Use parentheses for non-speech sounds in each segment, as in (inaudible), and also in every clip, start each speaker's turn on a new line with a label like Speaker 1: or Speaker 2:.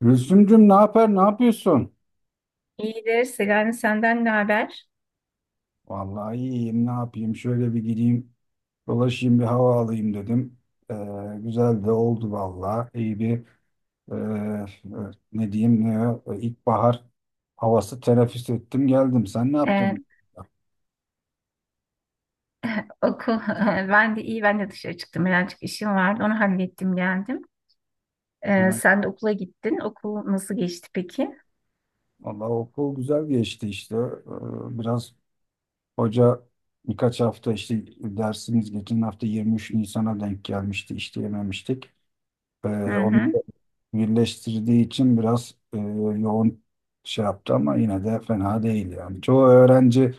Speaker 1: Gülsümcüm ne yapar, ne yapıyorsun?
Speaker 2: İyidir. Selami senden ne haber?
Speaker 1: Vallahi iyiyim, ne yapayım? Şöyle bir gideyim, dolaşayım, bir hava alayım dedim. Ee, güzel de oldu vallahi. İyi bir e, e, ne diyeyim, ilkbahar havası teneffüs ettim, geldim. Sen ne yaptın?
Speaker 2: Ee, (laughs) okul. (laughs) Ben de iyi. Ben de dışarı çıktım. Birazcık işim vardı. Onu hallettim geldim.
Speaker 1: Ha,
Speaker 2: Sen de okula gittin. Okul nasıl geçti peki?
Speaker 1: vallahi okul güzel geçti işte. Biraz hoca birkaç hafta işte dersimiz geçen hafta 23 Nisan'a denk gelmişti, işleyememiştik. Ee,
Speaker 2: Hı hı.
Speaker 1: birleştirdiği için biraz yoğun şey yaptı ama yine de fena değil yani. Çoğu öğrenci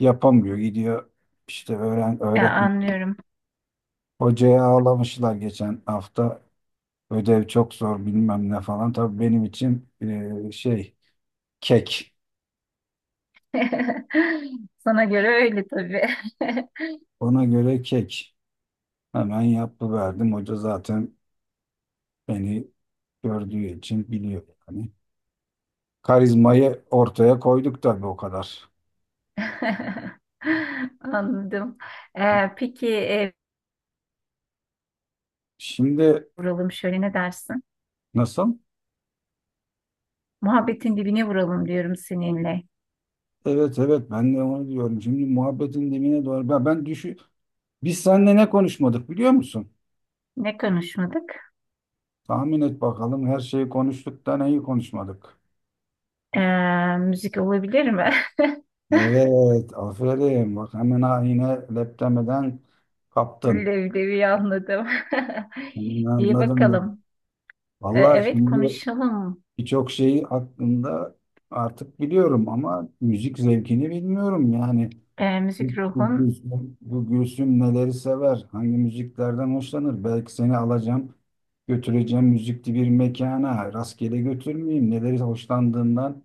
Speaker 1: yapamıyor. Gidiyor işte
Speaker 2: Ya,
Speaker 1: öğretmen
Speaker 2: anlıyorum.
Speaker 1: hocaya ağlamışlar geçen hafta. Ödev çok zor bilmem ne falan. Tabii benim için şey kek.
Speaker 2: (laughs) Sana göre öyle tabii.
Speaker 1: Ona göre kek. Hemen yapıverdim. Hoca zaten beni gördüğü için biliyor yani. Karizmayı ortaya koyduk tabii o kadar.
Speaker 2: (laughs) Anladım. Peki
Speaker 1: Şimdi
Speaker 2: vuralım şöyle ne dersin?
Speaker 1: nasıl?
Speaker 2: Muhabbetin dibine vuralım diyorum seninle.
Speaker 1: Evet, evet, ben de onu diyorum. Şimdi muhabbetin dibine doğru. Ben düşü biz seninle ne konuşmadık biliyor musun?
Speaker 2: Ne konuşmadık?
Speaker 1: Tahmin et bakalım her şeyi konuştuk da neyi konuşmadık?
Speaker 2: Ee, müzik olabilir mi? (laughs)
Speaker 1: Evet, aferin, bak hemen ha yine leptemeden kaptın.
Speaker 2: Leblebi anladım. (laughs)
Speaker 1: Hemen
Speaker 2: İyi
Speaker 1: anladım ben.
Speaker 2: bakalım.
Speaker 1: Vallahi
Speaker 2: Evet
Speaker 1: şimdi
Speaker 2: konuşalım.
Speaker 1: birçok şeyi aklımda artık biliyorum ama müzik zevkini bilmiyorum yani. Bu,
Speaker 2: Müzik
Speaker 1: bu
Speaker 2: ruhun.
Speaker 1: Gülsüm, bu Gülsüm neleri sever? Hangi müziklerden hoşlanır? Belki seni alacağım, götüreceğim müzikli bir mekana. Rastgele götürmeyeyim. Neleri hoşlandığından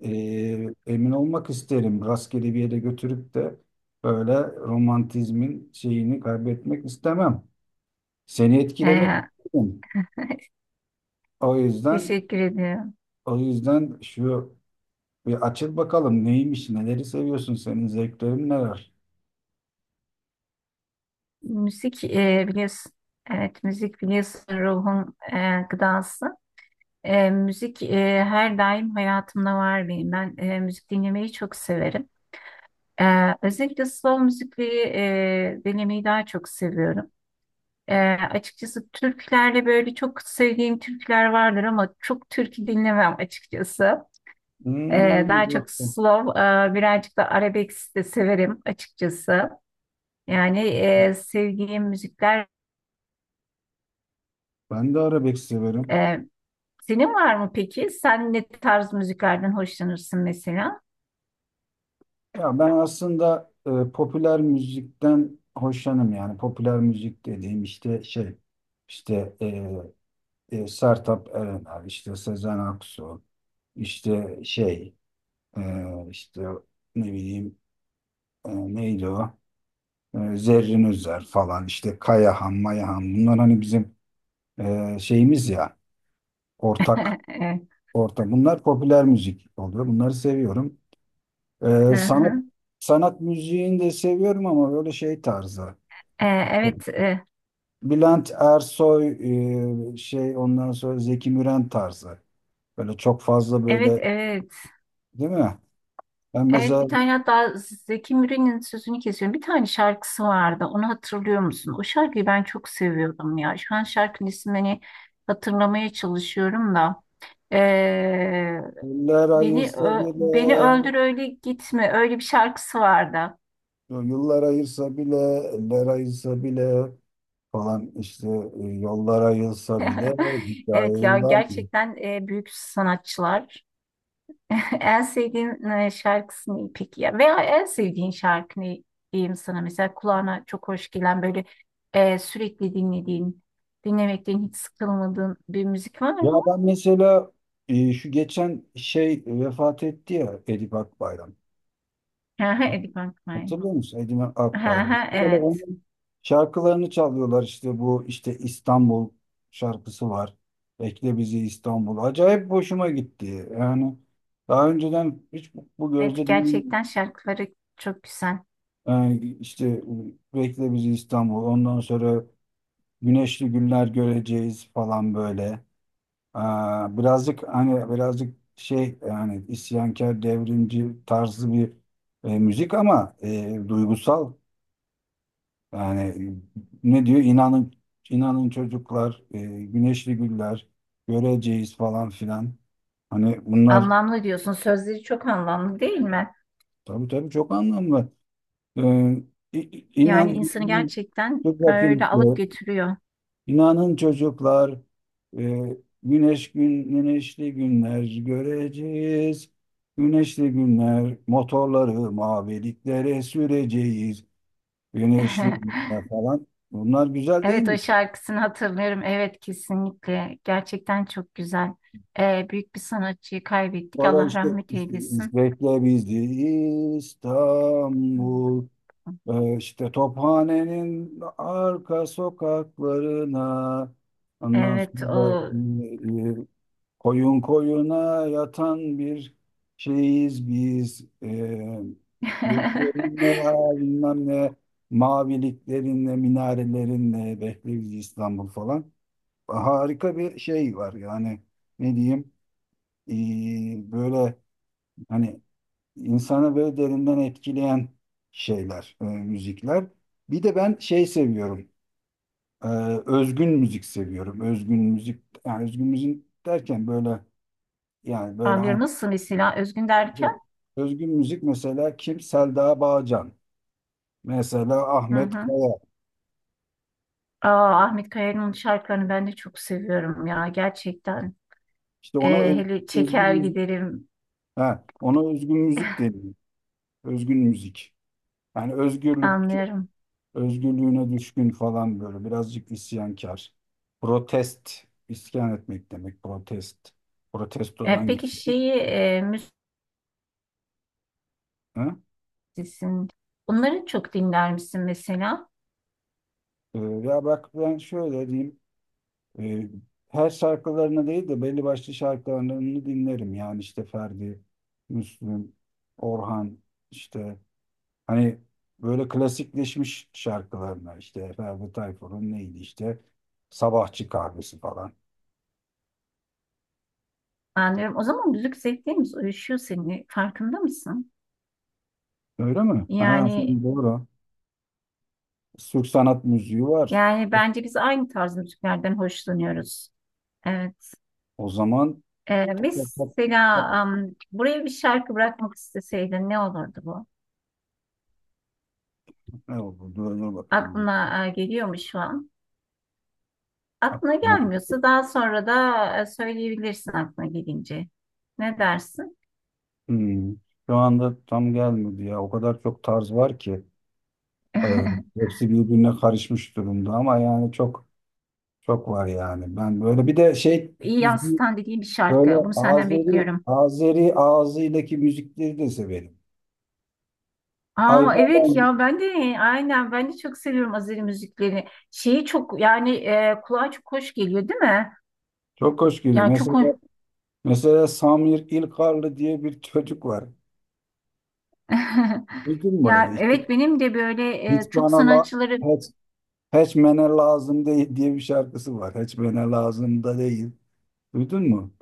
Speaker 1: emin olmak isterim. Rastgele bir yere götürüp de böyle romantizmin şeyini kaybetmek istemem. Seni etkilemek
Speaker 2: Ee,
Speaker 1: isterim.
Speaker 2: (laughs)
Speaker 1: O yüzden,
Speaker 2: teşekkür ediyorum.
Speaker 1: o yüzden şu bir açıl bakalım neymiş, neleri seviyorsun, senin zevklerin neler?
Speaker 2: Müzik biliyorsun. Evet müzik biliyorsun ruhun gıdası. Müzik her daim hayatımda var benim. Ben müzik dinlemeyi çok severim. Özellikle slow müzikleri dinlemeyi daha çok seviyorum. Ee, açıkçası türkülerde böyle çok sevdiğim türküler vardır ama çok türkü dinlemem açıkçası.
Speaker 1: Hmm,
Speaker 2: Daha
Speaker 1: bak,
Speaker 2: çok slow, birazcık da arabesk de severim açıkçası. Yani sevdiğim müzikler.
Speaker 1: ben de arabesk severim.
Speaker 2: e, Senin var mı peki? Sen ne tarz müziklerden hoşlanırsın mesela?
Speaker 1: Ya ben aslında popüler müzikten hoşlanım, yani popüler müzik dediğim işte şey, işte Sertab Erener, işte Sezen Aksu, işte şey, e, işte ne bileyim, neydi o Zerrin Özer falan, işte Kayahan Mayahan. Bunlar hani bizim şeyimiz ya, ortak
Speaker 2: (laughs) Evet.
Speaker 1: ortak bunlar, popüler müzik oluyor, bunları seviyorum.
Speaker 2: Hı
Speaker 1: E, sanat
Speaker 2: hı.
Speaker 1: sanat müziğini de seviyorum ama böyle şey tarzı.
Speaker 2: E,
Speaker 1: e,
Speaker 2: Evet, e,
Speaker 1: Bülent Ersoy, şey, ondan sonra Zeki Müren tarzı. Böyle çok fazla
Speaker 2: evet,
Speaker 1: böyle
Speaker 2: evet.
Speaker 1: değil mi? Ben
Speaker 2: Evet
Speaker 1: mesela
Speaker 2: bir tane hatta Zeki Müren'in sözünü kesiyorum. Bir tane şarkısı vardı. Onu hatırlıyor musun? O şarkıyı ben çok seviyordum ya. Şu an şarkının ismini hani hatırlamaya çalışıyorum da. Ee,
Speaker 1: eller ayırsa bile,
Speaker 2: beni öldür öyle gitme. Öyle bir şarkısı vardı.
Speaker 1: yıllar ayırsa bile, eller ayırsa bile falan, işte yollar ayırsa bile bir
Speaker 2: (laughs)
Speaker 1: daha
Speaker 2: Evet ya
Speaker 1: ayrılamıyor.
Speaker 2: gerçekten büyük sanatçılar. (laughs) En sevdiğin şarkısı ne peki ya? Veya en sevdiğin şarkı ne diyeyim sana? Mesela kulağına çok hoş gelen böyle sürekli dinlediğin, dinlemekten hiç sıkılmadığın bir müzik var
Speaker 1: Ya
Speaker 2: mı?
Speaker 1: ben mesela şu geçen şey vefat etti ya, Edip Akbayram.
Speaker 2: (laughs) Aha, Eddie Van.
Speaker 1: Hatırlıyor musun Edime Akbayram?
Speaker 2: Aha,
Speaker 1: Böyle
Speaker 2: evet.
Speaker 1: onun şarkılarını çalıyorlar işte, bu işte İstanbul şarkısı var. Bekle bizi İstanbul. Acayip hoşuma gitti. Yani daha önceden hiç bu
Speaker 2: Evet
Speaker 1: gözle dinlemedim.
Speaker 2: gerçekten şarkıları çok güzel.
Speaker 1: Yani işte Bekle bizi İstanbul. Ondan sonra güneşli günler göreceğiz falan böyle. Aa, birazcık hani, birazcık şey yani, isyankar devrimci tarzı bir müzik ama duygusal. Yani ne diyor? İnanın çocuklar, güneşli güller göreceğiz falan filan. Hani bunlar
Speaker 2: Anlamlı diyorsun. Sözleri çok anlamlı değil mi?
Speaker 1: tabii, tabii çok anlamlı. Ee,
Speaker 2: Yani
Speaker 1: inan
Speaker 2: insanı gerçekten
Speaker 1: dur bakayım,
Speaker 2: öyle alıp
Speaker 1: diyor.
Speaker 2: götürüyor.
Speaker 1: İnanın çocuklar, e, güneşli günler göreceğiz. Güneşli günler, motorları maviliklere süreceğiz. Güneşli
Speaker 2: (laughs)
Speaker 1: günler falan. Bunlar güzel değil
Speaker 2: Evet
Speaker 1: mi?
Speaker 2: o şarkısını hatırlıyorum. Evet kesinlikle. Gerçekten çok güzel. Büyük bir sanatçıyı kaybettik.
Speaker 1: Sonra
Speaker 2: Allah
Speaker 1: işte
Speaker 2: rahmet eylesin.
Speaker 1: Bizi
Speaker 2: Hı.
Speaker 1: İstanbul. İşte Tophane'nin arka sokaklarına, ondan
Speaker 2: Evet
Speaker 1: sonra
Speaker 2: o.
Speaker 1: e, e, koyun koyuna yatan bir şeyiz biz,
Speaker 2: (laughs)
Speaker 1: göklerinle bilmem ne, maviliklerinle, minarelerinle, bekle bizi İstanbul falan, harika bir şey var yani, ne diyeyim. Böyle hani insanı böyle derinden etkileyen şeyler, müzikler. Bir de ben şey seviyorum, e, özgün müzik seviyorum. Özgün müzik, yani özgün müzik derken böyle, yani böyle hani,
Speaker 2: Anlıyorum. Nasıl mesela özgün derken?
Speaker 1: özgün müzik mesela kim? Selda Bağcan. Mesela
Speaker 2: Hı
Speaker 1: Ahmet
Speaker 2: hı.
Speaker 1: Kaya.
Speaker 2: Aa, Ahmet Kaya'nın şarkılarını ben de çok seviyorum ya gerçekten.
Speaker 1: İşte ona
Speaker 2: Hele
Speaker 1: özgün
Speaker 2: çeker
Speaker 1: müzik,
Speaker 2: giderim
Speaker 1: ha, ona özgün müzik deniyor. Özgün müzik. Yani
Speaker 2: anlıyorum.
Speaker 1: özgürlüğüne düşkün falan, böyle birazcık isyankar. Protest, isyan etmek demek protest. Protestodan gibi.
Speaker 2: Peki şeyi
Speaker 1: Ha?
Speaker 2: müzisyen onları çok dinler misin mesela?
Speaker 1: Ya bak ben şöyle diyeyim. Ee, her şarkılarını değil de belli başlı şarkılarını dinlerim. Yani işte Ferdi, Müslüm, Orhan işte, hani böyle klasikleşmiş şarkılarına, işte Ferdi Tayfur'un neydi işte Sabahçı Kahvesi falan.
Speaker 2: Anlıyorum. O zaman müzik zevklerimiz uyuşuyor seninle. Farkında mısın?
Speaker 1: Öyle mi? Ha,
Speaker 2: Yani
Speaker 1: şimdi doğru. Türk sanat müziği var.
Speaker 2: yani bence biz aynı tarz müziklerden hoşlanıyoruz. Evet.
Speaker 1: O zaman dur
Speaker 2: Mesela buraya bir şarkı bırakmak isteseydin ne olurdu bu?
Speaker 1: bakayım.
Speaker 2: Aklına geliyor mu şu an? Aklına
Speaker 1: Aklıma-
Speaker 2: gelmiyorsa daha sonra da söyleyebilirsin aklına gelince. Ne dersin?
Speaker 1: Hmm. Şu anda tam gelmedi ya. O kadar çok tarz var ki. Ee,
Speaker 2: (laughs)
Speaker 1: hepsi birbirine karışmış durumda ama yani çok çok var yani. Ben böyle bir de şey,
Speaker 2: İyi
Speaker 1: düzgün,
Speaker 2: yansıtan dediğim bir
Speaker 1: böyle
Speaker 2: şarkı. Bunu senden
Speaker 1: Azeri
Speaker 2: bekliyorum.
Speaker 1: Azeri ağzıyla müzikleri de severim.
Speaker 2: Aa, evet
Speaker 1: Aybalan
Speaker 2: ya ben de aynen ben de çok seviyorum Azeri müzikleri. Şeyi çok yani kulağa çok hoş geliyor değil mi?
Speaker 1: çok hoş geliyor.
Speaker 2: Yani çok hoş.
Speaker 1: Mesela Samir İlkarlı diye bir çocuk var.
Speaker 2: (laughs)
Speaker 1: Duydun mu?
Speaker 2: Ya
Speaker 1: Hiç,
Speaker 2: evet benim de böyle
Speaker 1: hiç
Speaker 2: çok
Speaker 1: bana la,
Speaker 2: sanatçıları
Speaker 1: hiç, Heçmene lazım değil diye bir şarkısı var. Heçmene lazım da değil. Duydun mu?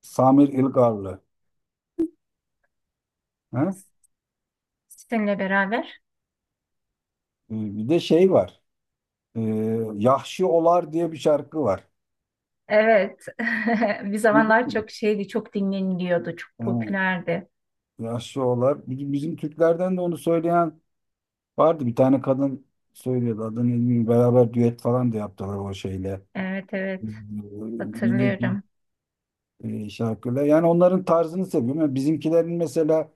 Speaker 1: Samir İlgarlı. Ha?
Speaker 2: seninle beraber.
Speaker 1: Bir de şey var. Ee, Yahşi Olar diye bir şarkı var.
Speaker 2: Evet. (laughs) Bir
Speaker 1: Duydun
Speaker 2: zamanlar
Speaker 1: mu?
Speaker 2: çok şeydi, çok dinleniliyordu, çok
Speaker 1: Ha,
Speaker 2: popülerdi.
Speaker 1: Yahşi Olar. Bizim Türklerden de onu söyleyen vardı. Bir tane kadın söylüyordu. Adını bilmiyorum. Beraber düet falan da yaptılar o şeyle. Ee,
Speaker 2: Evet, evet,
Speaker 1: Milli bir,
Speaker 2: hatırlıyorum.
Speaker 1: şarkıyla. Yani onların tarzını seviyorum. Yani bizimkilerin mesela,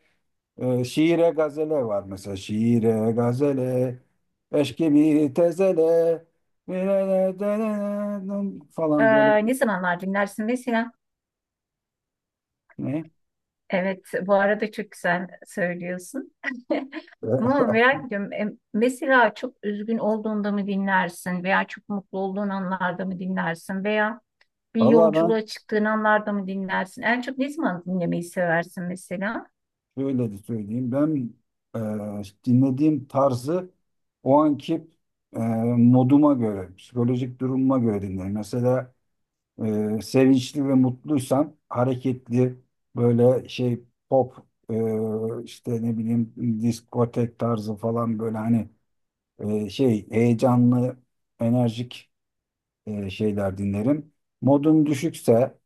Speaker 1: Şiire gazele var mesela. Şiire gazele, eşk gibi tezele, e, e, e, e, e, e, falan böyle.
Speaker 2: Ne zamanlar dinlersin mesela?
Speaker 1: Ne?
Speaker 2: Evet, bu arada çok güzel söylüyorsun. (laughs) Ama
Speaker 1: (laughs)
Speaker 2: merak ediyorum. Mesela çok üzgün olduğunda mı dinlersin veya çok mutlu olduğun anlarda mı dinlersin veya bir
Speaker 1: Vallahi ben
Speaker 2: yolculuğa çıktığın anlarda mı dinlersin? En çok ne zaman dinlemeyi seversin mesela?
Speaker 1: şöyle de söyleyeyim. Ben dinlediğim tarzı o anki e, moduma göre, psikolojik durumuma göre dinlerim. Mesela sevinçli ve mutluysam hareketli, böyle şey, pop, işte ne bileyim, diskotek tarzı falan, böyle hani şey heyecanlı, enerjik şeyler dinlerim. Modum düşükse,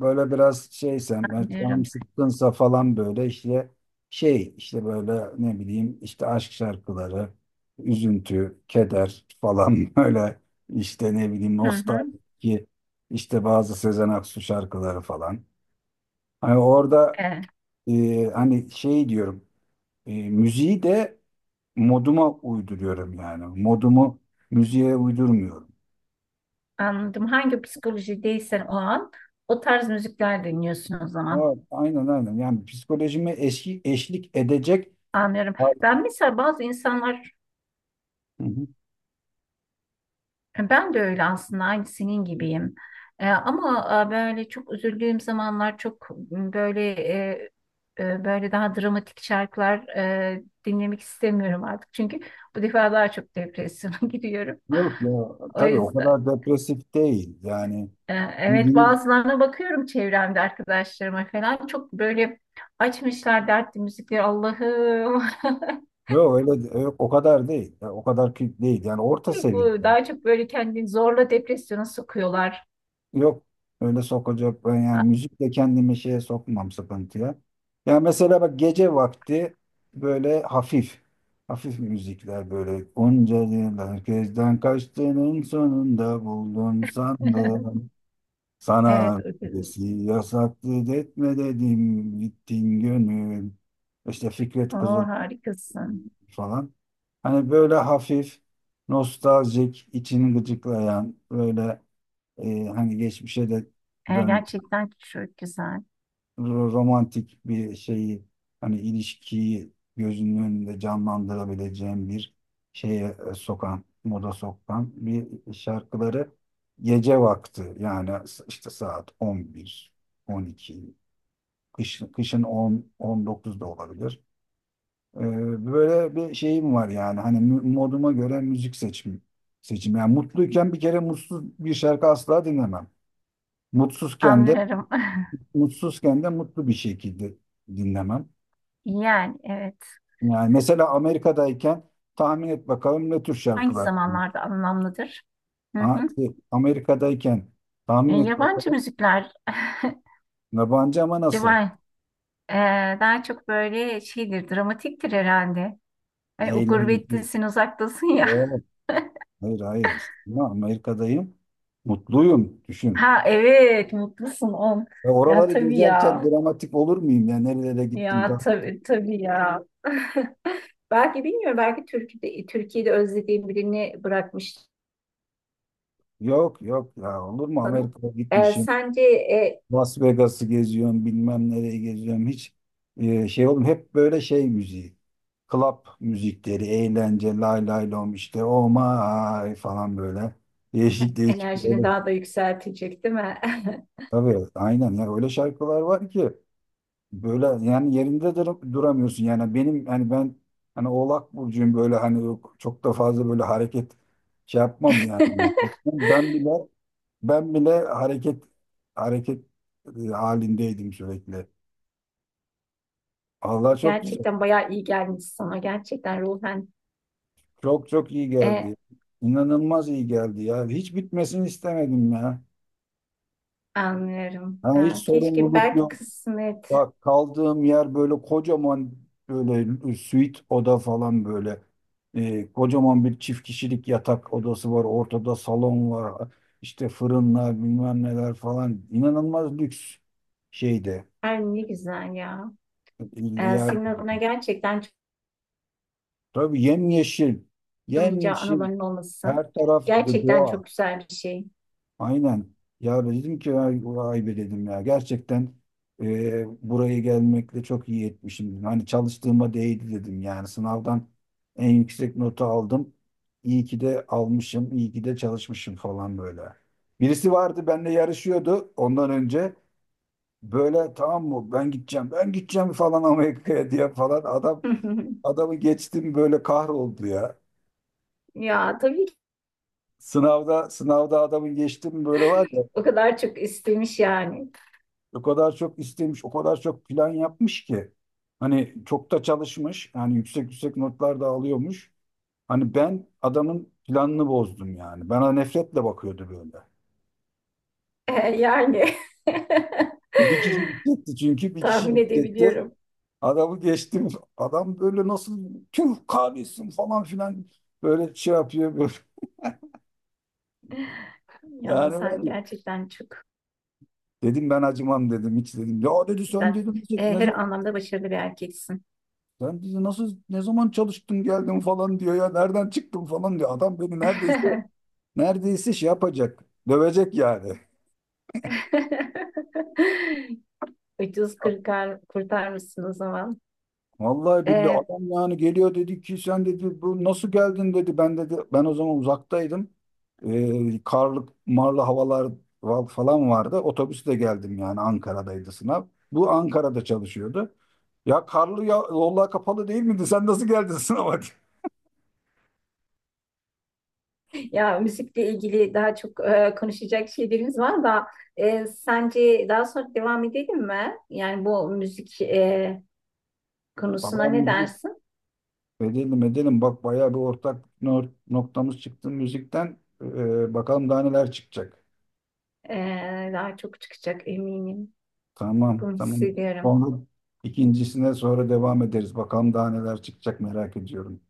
Speaker 1: böyle biraz şeysem, yani canım
Speaker 2: Anlıyorum.
Speaker 1: sıkkınsa falan, böyle işte şey, işte böyle ne bileyim, işte aşk şarkıları, üzüntü, keder falan, (laughs) böyle işte ne bileyim,
Speaker 2: Hı hı.
Speaker 1: nostalji, işte bazı Sezen Aksu şarkıları falan. Hani orada
Speaker 2: E,
Speaker 1: hani şey diyorum, müziği de moduma uyduruyorum yani. Modumu müziğe uydurmuyorum.
Speaker 2: Anladım. Hangi psikolojideysen o an o tarz müzikler dinliyorsun o zaman.
Speaker 1: Aa, aynen, aynen. Yani psikolojime eşlik edecek.
Speaker 2: Anlıyorum. Ben mesela bazı insanlar,
Speaker 1: Hı hı.
Speaker 2: ben de öyle aslında aynı senin gibiyim. Ama böyle çok üzüldüğüm zamanlar çok böyle böyle daha dramatik şarkılar dinlemek istemiyorum artık. Çünkü bu defa daha çok depresyona (laughs) giriyorum.
Speaker 1: Yok ya.
Speaker 2: O
Speaker 1: Tabii o
Speaker 2: yüzden.
Speaker 1: kadar depresif değil. Yani
Speaker 2: Evet,
Speaker 1: değil.
Speaker 2: bazılarına bakıyorum çevremde arkadaşlarıma falan çok böyle açmışlar dertli müzikleri, Allah'ım.
Speaker 1: Yok öyle de- yok, o kadar değil. Ya, o kadar ki değil. Yani orta
Speaker 2: (laughs)
Speaker 1: seviye.
Speaker 2: Bu daha çok böyle kendini zorla depresyona sokuyorlar.
Speaker 1: Yok öyle sokacak, ben yani müzikle kendimi şeye sokmam, sıkıntıya. Ya mesela bak gece vakti böyle hafif müzikler, böyle onca yıllar gözden kaçtığının sonunda buldun
Speaker 2: (laughs)
Speaker 1: sandım. Sana
Speaker 2: Evet,
Speaker 1: öncesi yasaktı etme dedim gittin gönül. İşte Fikret
Speaker 2: o
Speaker 1: Kızıl
Speaker 2: harikasın.
Speaker 1: falan. Hani böyle hafif, nostaljik, içini gıcıklayan, böyle hani geçmişe de döndü,
Speaker 2: Gerçekten çok güzel
Speaker 1: romantik bir şeyi, hani ilişkiyi gözünün önünde canlandırabileceğin bir şeye sokan, moda sokan bir şarkıları, gece vakti, yani işte saat 11, 12, kış, kışın 10, 19 da olabilir. Böyle bir şeyim var, yani hani moduma göre müzik seçim. Yani mutluyken bir kere mutsuz bir şarkı asla dinlemem. Mutsuzken de
Speaker 2: anlıyorum. (laughs)
Speaker 1: mutsuzken de mutlu bir şekilde dinlemem.
Speaker 2: Yani evet
Speaker 1: Yani mesela Amerika'dayken tahmin et bakalım ne tür
Speaker 2: hangi
Speaker 1: şarkılar dinliyor.
Speaker 2: zamanlarda anlamlıdır? Hı
Speaker 1: Ha,
Speaker 2: hı.
Speaker 1: şey, Amerika'dayken tahmin et
Speaker 2: Yabancı
Speaker 1: bakalım.
Speaker 2: müzikler. (laughs)
Speaker 1: Yabancı ama nasıl?
Speaker 2: Yabancı, daha çok böyle şeydir dramatiktir herhalde. Ay, o
Speaker 1: Eğlenceli.
Speaker 2: gurbettesin, uzaktasın ya.
Speaker 1: Yok,
Speaker 2: (laughs)
Speaker 1: hayır, hayır, işte. Ya Amerika'dayım. Mutluyum. Düşün.
Speaker 2: Ha evet, mutlusun on.
Speaker 1: Ve
Speaker 2: Ya
Speaker 1: oraları
Speaker 2: tabii
Speaker 1: gezerken
Speaker 2: ya.
Speaker 1: dramatik olur muyum ya? Nerelere gittim
Speaker 2: Ya
Speaker 1: daha?
Speaker 2: tabii tabii ya. (laughs) Belki bilmiyorum, belki Türkiye'de, Türkiye'de özlediğim birini bırakmış.
Speaker 1: Yok, yok ya, olur mu, Amerika'ya gitmişim.
Speaker 2: Sence
Speaker 1: Las Vegas'ı geziyorum, bilmem nereye geziyorum. Hiç şey oğlum, hep böyle şey müziği. Club müzikleri, eğlence, lay lay lom işte, oh my falan böyle. Değişik, değişik
Speaker 2: enerjini
Speaker 1: böyle.
Speaker 2: daha da yükseltecek, değil mi?
Speaker 1: Tabii aynen ya, öyle şarkılar var ki, böyle yani yerinde duramıyorsun. Yani benim hani, ben hani Oğlak Burcu'yum, böyle hani yok, çok da fazla böyle hareket şey yapmam yani.
Speaker 2: (laughs)
Speaker 1: Ben bile ben bile hareket halindeydim sürekli. Allah
Speaker 2: (laughs)
Speaker 1: çok güzel.
Speaker 2: Gerçekten bayağı iyi gelmiş sana. Gerçekten ruhen
Speaker 1: Çok çok iyi
Speaker 2: e,
Speaker 1: geldi. İnanılmaz iyi geldi ya. Hiç bitmesini istemedim ya.
Speaker 2: anlıyorum.
Speaker 1: Hani hiç
Speaker 2: Ya, keşke
Speaker 1: sorumluluk
Speaker 2: belki
Speaker 1: yok.
Speaker 2: kısmet.
Speaker 1: Bak, kaldığım yer böyle kocaman, böyle suite oda falan böyle. Kocaman bir çift kişilik yatak odası var. Ortada salon var. İşte fırınlar bilmem neler falan. İnanılmaz lüks şeyde.
Speaker 2: Her ne güzel ya.
Speaker 1: Yer.
Speaker 2: Senin adına gerçekten
Speaker 1: Tabii yemyeşil.
Speaker 2: unutamayacağı
Speaker 1: Yemyeşil.
Speaker 2: anıların olması
Speaker 1: Her taraf
Speaker 2: gerçekten
Speaker 1: doğa.
Speaker 2: çok güzel bir şey.
Speaker 1: Aynen. Ya dedim ki ay, vay be dedim ya. Gerçekten buraya gelmekle çok iyi etmişim dedim. Hani çalıştığıma değdi dedim. Yani sınavdan en yüksek notu aldım. İyi ki de almışım, iyi ki de çalışmışım falan böyle. Birisi vardı benimle yarışıyordu ondan önce. Böyle tamam mı, ben gideceğim, ben gideceğim falan Amerika'ya diye falan.
Speaker 2: (laughs)
Speaker 1: Adamı geçtim, böyle kahroldu ya.
Speaker 2: Ya tabii ki
Speaker 1: Sınavda adamı geçtim böyle, var ya.
Speaker 2: o kadar çok istemiş yani. (laughs)
Speaker 1: O kadar çok istemiş, o kadar çok plan yapmış ki. Hani çok da çalışmış. Yani yüksek yüksek notlar da alıyormuş. Hani ben adamın planını bozdum yani. Bana nefretle bakıyordu böyle.
Speaker 2: Yani.
Speaker 1: Bir kişi
Speaker 2: (laughs)
Speaker 1: gidecekti çünkü, bir kişi
Speaker 2: Tahmin
Speaker 1: gidecekti.
Speaker 2: edebiliyorum.
Speaker 1: Adamı geçtim. Adam böyle nasıl tüh kahretsin falan filan, böyle şey yapıyor böyle.
Speaker 2: Ya
Speaker 1: Yani var
Speaker 2: sen
Speaker 1: ya.
Speaker 2: gerçekten çok
Speaker 1: Dedim ben acımam dedim, hiç dedim. Ya dedi, sen
Speaker 2: güzel.
Speaker 1: dedim
Speaker 2: Eh,
Speaker 1: ne
Speaker 2: her
Speaker 1: zaman,
Speaker 2: anlamda başarılı bir erkeksin.
Speaker 1: sen dedi nasıl, ne zaman çalıştın geldin falan diyor ya, nereden çıktın falan diyor. Adam beni neredeyse Neredeyse şey yapacak. Dövecek yani.
Speaker 2: (laughs) Ucuz kurtar, kurtarmışsın o zaman.
Speaker 1: Vallahi billahi
Speaker 2: E,
Speaker 1: adam yani geliyor, dedi ki sen dedi bu nasıl geldin dedi. Ben dedi, ben o zaman uzaktaydım. Karlı marlı havalar falan vardı. Otobüsle geldim yani, Ankara'daydı sınav. Bu Ankara'da çalışıyordu. Ya karlı ya, yollar kapalı değil miydi? Sen nasıl geldin sınava? (laughs)
Speaker 2: Ya müzikle ilgili daha çok konuşacak şeylerimiz var da sence daha sonra devam edelim mi? Yani bu müzik konusuna
Speaker 1: Valla
Speaker 2: ne
Speaker 1: müzik
Speaker 2: dersin?
Speaker 1: edelim edelim. Bak bayağı bir ortak noktamız çıktı müzikten. Bakalım daha neler çıkacak.
Speaker 2: E, daha çok çıkacak eminim.
Speaker 1: Tamam,
Speaker 2: Bunu
Speaker 1: tamam.
Speaker 2: hissediyorum.
Speaker 1: Onu ikincisine sonra devam ederiz. Bakalım daha neler çıkacak, merak ediyorum.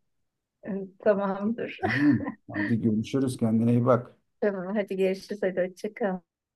Speaker 2: E, Tamamdır.
Speaker 1: Tamam. Hadi görüşürüz. Kendine iyi bak.
Speaker 2: (laughs) Tamam, hadi görüşürüz. Hadi hoşça kal.